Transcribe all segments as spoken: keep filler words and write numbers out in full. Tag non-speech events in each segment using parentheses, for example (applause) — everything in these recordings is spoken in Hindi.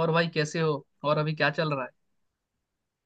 और भाई कैसे हो और अभी क्या चल रहा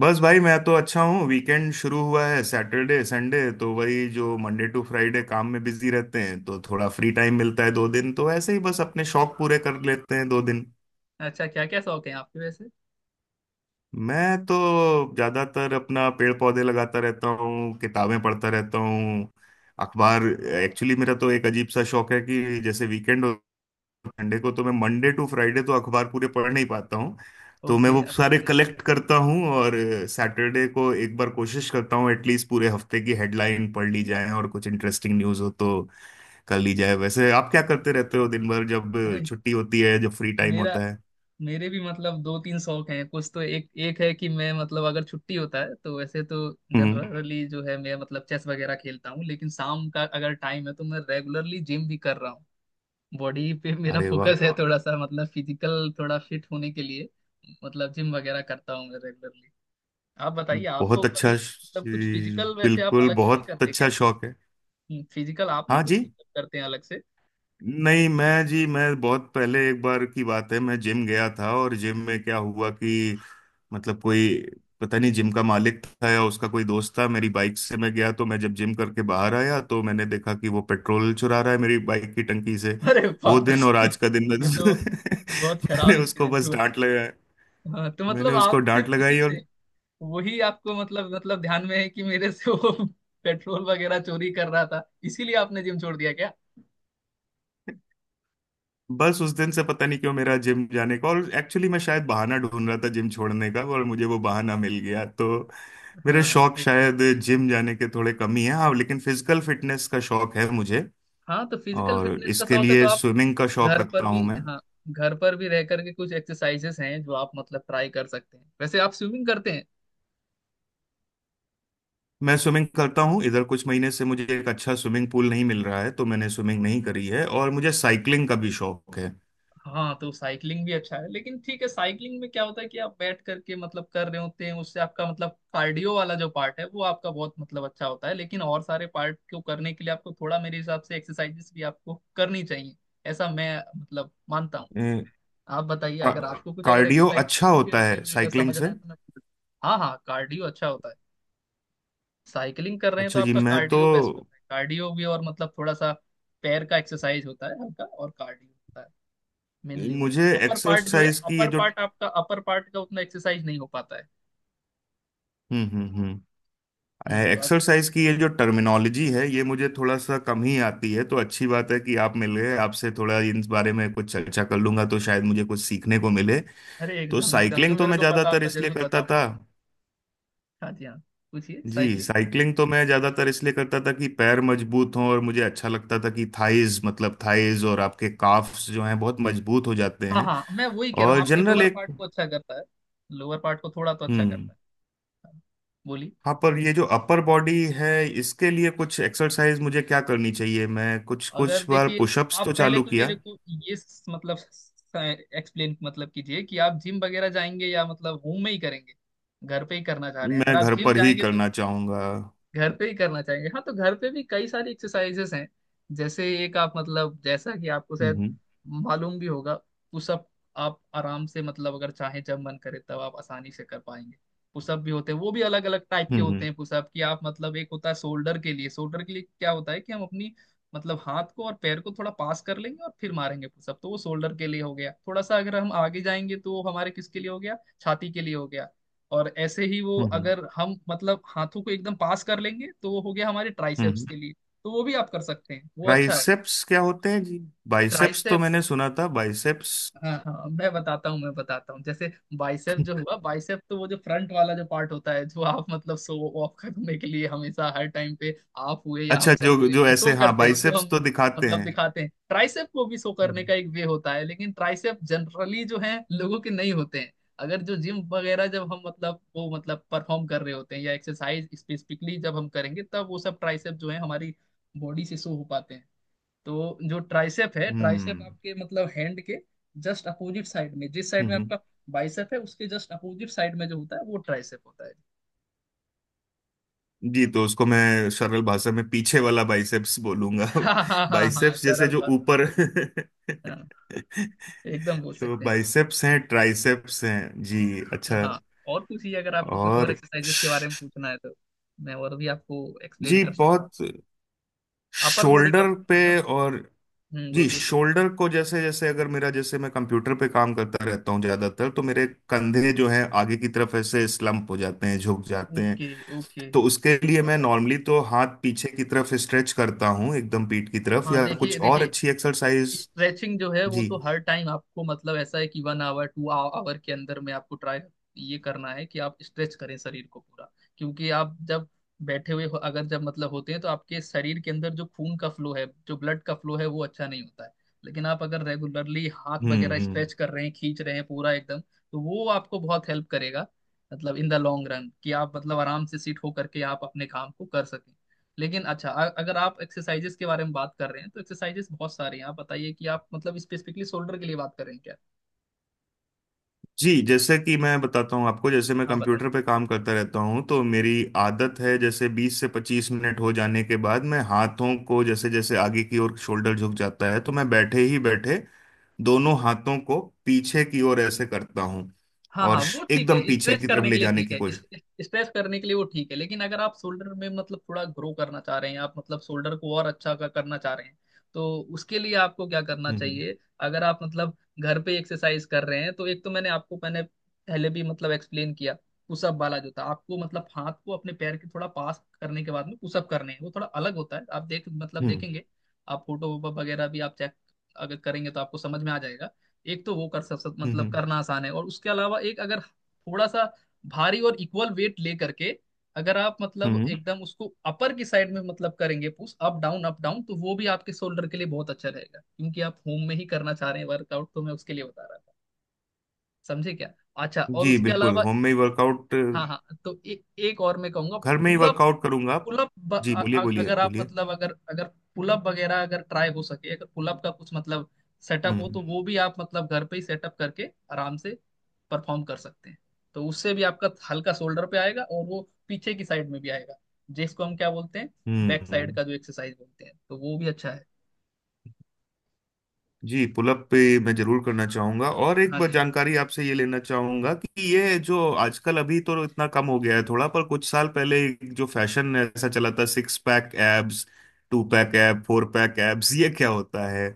बस भाई, मैं तो अच्छा हूँ। वीकेंड शुरू हुआ है, सैटरडे संडे तो वही, जो मंडे टू फ्राइडे काम में बिजी रहते हैं तो थोड़ा फ्री टाइम मिलता है दो दिन, तो ऐसे ही बस अपने शौक पूरे कर लेते हैं दो दिन। है? अच्छा, क्या क्या शौक है आपके वैसे? मैं तो ज्यादातर अपना पेड़ पौधे लगाता रहता हूँ, किताबें पढ़ता रहता हूँ, अखबार। एक्चुअली मेरा तो एक अजीब सा शौक है कि जैसे वीकेंड, संडे को, तो मैं मंडे टू फ्राइडे तो अखबार पूरे पढ़ नहीं पाता हूँ, तो मैं ओके, वो अखबार सारे नहीं कलेक्ट पढ़ता। करता हूँ और सैटरडे को एक बार कोशिश करता हूँ एटलीस्ट पूरे हफ्ते की हेडलाइन पढ़ ली जाए, और कुछ इंटरेस्टिंग न्यूज़ हो तो कर ली जाए। वैसे आप क्या करते रहते हो दिन भर, जब अरे छुट्टी होती है, जब फ्री टाइम मेरा होता है? मेरे भी मतलब दो तीन शौक हैं। कुछ तो एक एक है कि मैं मतलब अगर छुट्टी होता है तो वैसे तो हम्म। जनरली जो है, मैं मतलब चेस वगैरह खेलता हूँ। लेकिन शाम का अगर टाइम है तो मैं रेगुलरली जिम भी कर रहा हूँ। बॉडी पे मेरा अरे अरे वाह! फोकस है, वाह, थोड़ा सा मतलब फिजिकल थोड़ा फिट होने के लिए। मतलब जिम वगैरह करता हूँ मैं रेगुलरली। आप बताइए, बहुत आपको अच्छा कभी श- मतलब कुछ फिजिकल वैसे आप बिल्कुल अलग से नहीं बहुत करते? अच्छा शौक है। फिजिकल आप नहीं हाँ कुछ जी। मतलब करते हैं अलग से? नहीं, मैं जी, मैं बहुत पहले एक बार की बात है, मैं जिम गया था, और जिम में क्या हुआ कि मतलब कोई, पता नहीं जिम का मालिक था या उसका कोई दोस्त था, मेरी बाइक से मैं गया, तो मैं जब जिम करके बाहर आया तो मैंने देखा कि वो पेट्रोल चुरा रहा है मेरी बाइक की टंकी से। अरे वो वाह दिन और (laughs) आज का दिन, मैं ये तो बहुत (laughs) खराब मैंने उसको इंसिडेंट बस हुआ। डांट लगाया। हाँ, तो मैंने मतलब उसको आप डांट सिर्फ लगाई, उसी और से, वही आपको मतलब मतलब ध्यान में है कि मेरे से वो (laughs) पेट्रोल वगैरह चोरी कर रहा था, इसीलिए आपने जिम छोड़ दिया क्या? बस उस दिन से पता नहीं क्यों मेरा जिम जाने का, और एक्चुअली मैं शायद बहाना ढूंढ रहा था जिम छोड़ने का, और मुझे वो बहाना मिल गया। तो मेरे हाँ हाँ, शौक एकदम शायद सही है। जिम जाने के थोड़े कम ही हैं, हाँ, लेकिन फिजिकल फिटनेस का शौक है मुझे, हाँ, तो फिजिकल और फिटनेस का इसके शौक है तो लिए आप स्विमिंग का शौक घर रखता पर भी? हूँ मैं। हाँ, घर पर भी रह करके कुछ एक्सरसाइजेस हैं जो आप मतलब ट्राई कर सकते हैं। वैसे आप स्विमिंग करते हैं? मैं स्विमिंग करता हूँ, इधर कुछ महीने से मुझे एक अच्छा स्विमिंग पूल नहीं मिल रहा है तो मैंने स्विमिंग नहीं करी है, और मुझे साइकिलिंग का भी शौक है। हाँ, तो साइकिलिंग भी अच्छा है लेकिन ठीक है। साइकिलिंग में क्या होता है कि आप बैठ करके मतलब कर रहे होते हैं, उससे आपका मतलब कार्डियो वाला जो पार्ट है वो आपका बहुत मतलब अच्छा होता है, लेकिन और सारे पार्ट को करने के लिए आपको थोड़ा मेरे हिसाब से एक्सरसाइजेस भी आपको करनी चाहिए। ऐसा मैं मतलब मानता हूँ। ए, आप बताइए, का, अगर आपको कुछ अगर कार्डियो एक्सरसाइज अच्छा के होता बारे है में अगर साइकिलिंग से। समझना है तो मैं। हाँ हाँ, कार्डियो अच्छा होता है। साइकिलिंग कर रहे हैं तो अच्छे जिम आपका में तो कार्डियो बेस्ट होता है, कार्डियो भी, और मतलब थोड़ा सा पैर का एक्सरसाइज होता है हल्का, और कार्डियो होता है। मेनली वो है मुझे अपर पार्ट, जो है एक्सरसाइज की ये अपर जो पार्ट आपका, अपर पार्ट का उतना एक्सरसाइज नहीं हो पाता है। हम्म हम्म हम्म हम्म तो आप, एक्सरसाइज की ये जो टर्मिनोलॉजी है, ये मुझे थोड़ा सा कम ही आती है, तो अच्छी बात है कि आप मिल गए, आपसे थोड़ा इन बारे में कुछ चर्चा कर लूंगा तो शायद मुझे कुछ सीखने को मिले। अरे तो एकदम एकदम, जो साइकिलिंग तो मेरे मैं को पता ज्यादातर होगा इसलिए जरूर करता बताऊंगा। था। हाँ जी हाँ, पूछिए जी, साइकिलिंग। साइकिलिंग तो मैं ज्यादातर इसलिए करता था कि पैर मजबूत हों, और मुझे अच्छा लगता था कि थाइज, मतलब थाइज और आपके काफ्स जो हैं बहुत मजबूत हो जाते हाँ हैं, हाँ, मैं वही कह रहा हूँ, और आपके जनरल लोअर एक। पार्ट को अच्छा करता है। लोअर पार्ट को थोड़ा तो अच्छा हम्म। करता है। हाँ, बोलिए। हाँ, पर ये जो अपर बॉडी है, इसके लिए कुछ एक्सरसाइज मुझे क्या करनी चाहिए? मैं कुछ अगर कुछ बार देखिए, पुशअप्स आप तो पहले चालू तो किया। मेरे को ये स- मतलब एक्सप्लेन मतलब कीजिए कि आप जिम वगैरह जाएंगे या मतलब होम में ही करेंगे। घर पे ही करना चाह रहे हैं? अगर मैं आप घर जिम पर ही जाएंगे तो करना चाहूंगा। घर पे ही करना चाहेंगे। हाँ, तो घर पे भी कई सारी एक्सरसाइजेस हैं। जैसे एक, आप मतलब, जैसा कि आपको शायद हम्म मालूम भी होगा, पुशअप। आप आराम से मतलब अगर चाहें जब मन करे तब आप आसानी से कर पाएंगे। पुशअप भी होते हैं, वो भी अलग अलग टाइप के होते हम्म हैं। पुशअप की आप मतलब, एक होता है शोल्डर के लिए। शोल्डर के लिए क्या होता है कि हम अपनी मतलब हाथ को और पैर को थोड़ा पास कर लेंगे और फिर मारेंगे पुशअप, तो वो शोल्डर के लिए हो गया। थोड़ा सा अगर हम आगे जाएंगे तो वो हमारे किसके लिए हो गया, छाती के लिए हो गया। और ऐसे ही वो हम्म। अगर हम मतलब हाथों को एकदम पास कर लेंगे तो वो हो गया हमारे ट्राइसेप्स हम्म। के लिए। तो वो भी आप कर सकते हैं, वो अच्छा है। ट्राइसेप्स क्या होते हैं जी? बाइसेप्स तो ट्राइसेप्स? मैंने सुना था, बाइसेप्स। हाँ हाँ, मैं बताता हूँ मैं बताता हूँ जैसे, बाइसेप जो हुआ, बाइसेप तो वो जो फ्रंट वाला जो पार्ट होता है, जो आप मतलब शो ऑफ करने के लिए हमेशा हर टाइम पे आप हुए या अच्छा, हम सब जो हुए जो तो ऐसे, शो हाँ, करते हैं, जो बाइसेप्स हम तो दिखाते मतलब हैं। दिखाते हैं। ट्राइसेप को भी शो करने हम्म का एक वे होता है, लेकिन ट्राइसेप जनरली जो है लोगों के नहीं होते हैं। अगर जो जिम वगैरह जब हम मतलब वो मतलब परफॉर्म कर रहे होते हैं या एक्सरसाइज स्पेसिफिकली जब हम करेंगे, तब वो सब ट्राइसेप जो है हमारी बॉडी से शो हो पाते हैं। तो जो ट्राइसेप है, ट्राइसेप हम्म आपके मतलब हैंड के जस्ट अपोजिट साइड में, जिस साइड में हम्म। आपका बाइसेप है उसके जस्ट अपोजिट साइड में जो होता है, वो ट्राइसेप होता है। जी, तो उसको मैं सरल भाषा में पीछे वाला बाइसेप्स बोलूंगा (laughs) (laughs) हाँ हाँ हाँ हाँ, बाइसेप्स जैसे सरल जो भाषा। ऊपर हाँ, (laughs) एकदम बोल तो सकते हैं। बाइसेप्स हैं, ट्राइसेप्स हैं जी। जी अच्छा। हाँ। और पूछिए, अगर आपको कुछ और और एक्सरसाइजेस के बारे में श- पूछना है तो मैं और भी आपको एक्सप्लेन जी कर सकता हूँ। बहुत, अपर बॉडी का, शोल्डर पे, है ना? और हम्म, जी, बोलिए बोलिए। शोल्डर को, जैसे जैसे अगर मेरा, जैसे मैं कंप्यूटर पे काम करता रहता हूँ ज्यादातर, तो मेरे कंधे जो हैं आगे की तरफ ऐसे स्लम्प हो जाते हैं, झुक जाते हैं, ओके ओके, तो उसके लिए समझ मैं रहा हूँ। नॉर्मली तो हाथ पीछे की तरफ स्ट्रेच करता हूँ, एकदम पीठ की तरफ, हाँ, या देखिए कुछ और देखिए। अच्छी एक्सरसाइज? स्ट्रेचिंग जो है वो जी। तो हर टाइम आपको मतलब ऐसा है कि वन आवर टू आवर के अंदर में आपको ट्राई ये करना है कि आप स्ट्रेच करें शरीर को पूरा। क्योंकि आप जब बैठे हुए हो- अगर जब मतलब होते हैं तो आपके शरीर के अंदर जो खून का फ्लो है, जो ब्लड का फ्लो है, वो अच्छा नहीं होता है। लेकिन आप अगर रेगुलरली हाथ हम्म वगैरह हम्म। स्ट्रेच कर रहे हैं, खींच रहे हैं पूरा एकदम, तो वो आपको बहुत हेल्प करेगा, मतलब इन द लॉन्ग रन, कि आप मतलब आराम से सीट हो करके आप अपने काम को कर सकें। लेकिन अच्छा, अ- अगर आप एक्सरसाइजेस के बारे में बात कर रहे हैं तो एक्सरसाइजेस बहुत सारे हैं। आप बताइए कि आप मतलब स्पेसिफिकली शोल्डर के लिए बात कर रहे हैं क्या? जी, जैसे कि मैं बताता हूँ आपको, जैसे मैं आप कंप्यूटर बताइए। पे काम करता रहता हूँ तो मेरी आदत है जैसे बीस से पच्चीस मिनट हो जाने के बाद मैं हाथों को, जैसे जैसे आगे की ओर शोल्डर झुक जाता है, तो मैं बैठे ही बैठे दोनों हाथों को पीछे की ओर ऐसे करता हूँ, हाँ और हाँ, श- वो ठीक एकदम है, पीछे स्ट्रेच की तरफ करने ले के लिए जाने ठीक की है। कोशिश। स्ट्रेच करने के लिए वो ठीक है, लेकिन अगर आप शोल्डर में मतलब थोड़ा ग्रो करना चाह रहे हैं, आप मतलब शोल्डर को और अच्छा का करना चाह रहे हैं, तो उसके लिए आपको क्या करना हम्म चाहिए? अगर आप मतलब घर पे एक्सरसाइज कर रहे हैं तो एक तो मैंने आपको मैंने पहले भी मतलब एक्सप्लेन किया, पुशअप वाला जो था, आपको मतलब हाथ को अपने पैर के थोड़ा पास करने के बाद में पुशअप करने हैं, वो थोड़ा अलग होता है। आप देख मतलब हम्म देखेंगे, आप फोटो वगैरह भी आप चेक अगर करेंगे तो आपको समझ में आ जाएगा। एक तो वो कर सब सब हम्म मतलब हम्म करना आसान है, और उसके अलावा एक अगर थोड़ा सा भारी और इक्वल वेट ले करके अगर आप हम्म। मतलब हम्म। एकदम उसको अपर की साइड में मतलब करेंगे push up down up down, तो वो भी आपके शोल्डर के लिए बहुत अच्छा रहेगा। क्योंकि आप होम में ही करना चाह रहे हैं वर्कआउट, तो मैं उसके लिए बता रहा था। समझे क्या? अच्छा, और जी उसके बिल्कुल, अलावा होम में ही वर्कआउट, घर हाँ हाँ, तो ए, एक और मैं कहूंगा, में ही पुलअप। वर्कआउट करूंगा। पुलअप ब- जी, अ- बोलिए अ- बोलिए अगर आप बोलिए। मतलब अगर अगर पुलअप वगैरह अगर ट्राई हो सके, अगर पुलअप का कुछ मतलब सेटअप हो हम्म तो वो भी आप मतलब घर पे ही सेटअप करके आराम से परफॉर्म कर सकते हैं। तो उससे भी आपका हल्का शोल्डर पे आएगा, और वो पीछे की साइड में भी आएगा, जिसको हम क्या बोलते हैं, बैक साइड हम्म। का जो एक्सरसाइज बोलते हैं, तो वो भी अच्छा है। जी, पुलअप पे मैं जरूर करना चाहूंगा, और एक हाँ बार जी जानकारी आपसे ये लेना चाहूंगा कि ये जो आजकल अभी तो इतना कम हो गया है थोड़ा, पर कुछ साल पहले एक जो फैशन ऐसा चला था, six pack abs, two pack ab, four pack abs, ये क्या होता है?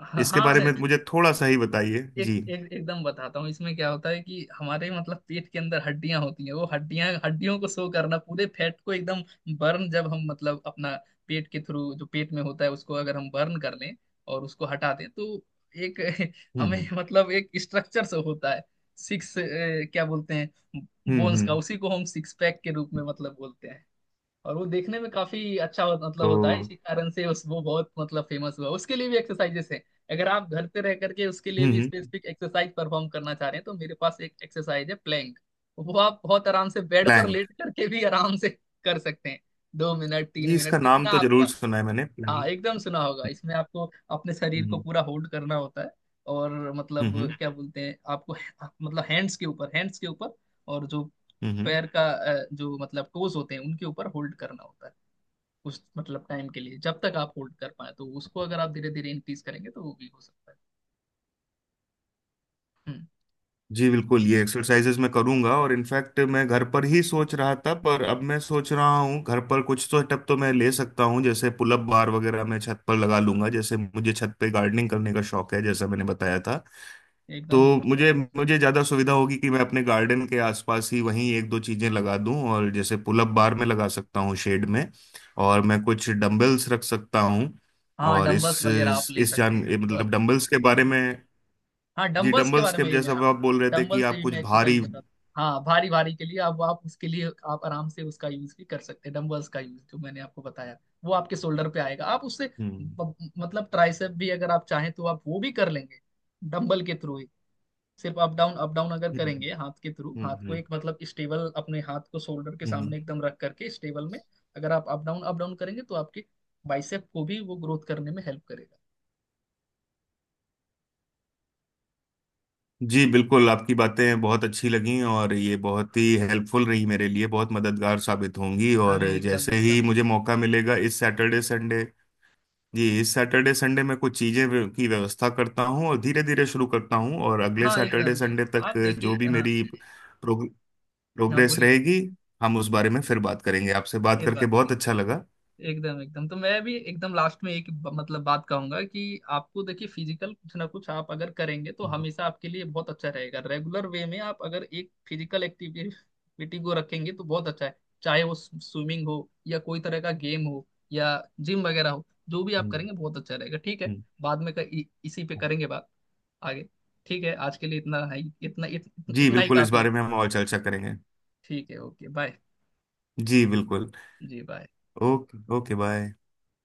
हाँ। इसके हाँ, बारे है। में मुझे थोड़ा सा ही बताइए एक जी। एक एकदम बताता हूँ, इसमें क्या होता है कि हमारे मतलब पेट के अंदर हड्डियां होती हैं, वो हड्डियां हड्डियों को शो करना, पूरे फैट को एकदम बर्न, जब हम मतलब अपना पेट के थ्रू जो पेट में होता है उसको अगर हम बर्न कर लें और उसको हटा दें तो एक (laughs) हम्म हमें हम्म मतलब एक स्ट्रक्चर से होता है, सिक्स क्या बोलते हैं, हम्म बोन्स का, हम्म। उसी को हम सिक्स पैक के रूप में मतलब बोलते हैं। और वो देखने में काफी अच्छा हो, मतलब तो होता है, इसी कारण से उस वो बहुत मतलब फेमस हुआ। उसके लिए भी एक्सरसाइजेस हैं। अगर आप घर पे रह करके उसके लिए हम्म भी हम्म। स्पेसिफिक एक्सरसाइज परफॉर्म करना चाह रहे हैं तो मेरे पास एक एक्सरसाइज है, प्लैंक। वो आप बहुत आराम से बेड पर प्लैंक? लेट करके भी आराम से कर सकते हैं, दो मिनट तीन जी, इसका मिनट नाम जितना तो जरूर आपका। सुना है मैंने, हाँ, प्लैंक। एकदम सुना होगा। हम्म इसमें आपको अपने शरीर को हम्म पूरा होल्ड करना होता है, और हम्म मतलब हम्म क्या बोलते हैं आपको, मतलब हैंड्स के ऊपर हैंड्स के ऊपर और जो हम्म। पैर का अ, जो मतलब टोज होते हैं उनके ऊपर होल्ड करना होता है, उस मतलब टाइम के लिए जब तक आप होल्ड कर पाए। तो उसको अगर आप धीरे धीरे इंक्रीज करेंगे तो वो भी हो सकता है। हम्म। जी बिल्कुल, ये एक्सरसाइजेज मैं करूंगा, और इनफैक्ट मैं घर पर ही सोच रहा था, पर अब मैं सोच रहा हूँ घर पर कुछ तो स्टेप तो मैं ले सकता हूँ, जैसे पुलअप बार वगैरह मैं छत पर लगा लूंगा, जैसे मुझे छत पे गार्डनिंग करने का शौक है, जैसा मैंने बताया था। तो एकदम एकदम मुझे correct। मुझे ज़्यादा सुविधा होगी कि मैं अपने गार्डन के आसपास ही वहीं एक दो चीज़ें लगा दूं, और जैसे पुलअप बार में लगा सकता हूँ शेड में, और मैं कुछ डम्बल्स रख सकता हूँ, हाँ, और इस डंबल्स वगैरह आप इस ले इस सकते जान हैं। बस, मतलब डंबल्स के बारे में, हाँ, जी, डंबल्स के डंबल बारे में स्क्वाट ही मैं, जैसा हाँ, अब आप बोल रहे थे डंबल कि से आप भी कुछ मैं भारी। एक्सरसाइज बता, हाँ, भारी भारी के लिए अब आप उसके लिए आप आराम से उसका यूज भी कर सकते हैं। डंबल्स का यूज जो मैंने आपको बताया, वो आपके शोल्डर पे आएगा, आप उससे हम्म ब- मतलब ट्राइसेप भी अगर आप चाहें तो आप वो भी कर लेंगे डंबल के थ्रू ही। सिर्फ अप डाउन अप डाउन अगर हम्म करेंगे हाथ के थ्रू, हम्म हाथ को हम्म, एक मतलब स्टेबल, अपने हाथ को शोल्डर के हम्म। सामने हम्म। एकदम रख करके स्टेबल में अगर आप अप डाउन अप डाउन करेंगे तो आपके बाइसेप को भी वो ग्रोथ करने में हेल्प करेगा। जी बिल्कुल, आपकी बातें बहुत अच्छी लगीं, और ये बहुत ही हेल्पफुल रही मेरे लिए, बहुत मददगार साबित होंगी, और अरे एकदम जैसे एकदम। ही मुझे मौका मिलेगा इस सैटरडे संडे, जी, इस सैटरडे संडे मैं कुछ चीज़ें व्य- की व्यवस्था करता हूँ और धीरे धीरे शुरू करता हूँ, और अगले हाँ सैटरडे एकदम संडे एकदम, तक आप देखिए। जो भी हाँ, मेरी प्रोग, हाँ प्रोग्रेस बोलिए बोलिए, रहेगी, हम उस बारे में फिर बात करेंगे। आपसे बात फिर करके बात बहुत करेंगे। अच्छा लगा। एकदम एकदम, तो मैं भी एकदम लास्ट में एक ब- मतलब बात कहूंगा कि आपको देखिए, फिजिकल कुछ ना कुछ आप अगर करेंगे तो हम्म हमेशा आपके लिए बहुत अच्छा रहेगा। रेगुलर वे में आप अगर एक फिजिकल एक्टिविटी को रखेंगे तो बहुत अच्छा है, चाहे वो स्विमिंग हो या कोई तरह का गेम हो, या जिम वगैरह हो, जो भी आप हम्म। करेंगे बहुत अच्छा रहेगा। ठीक है, हम्म। बाद में क- इ, इसी पे करेंगे बात आगे। ठीक है, आज के लिए इतना है ही- इतना इत, जी इतना ही बिल्कुल, इस काफी है। बारे में हम और चर्चा करेंगे। ठीक है, ओके बाय। जी बिल्कुल। जी बाय। Okay, okay bye.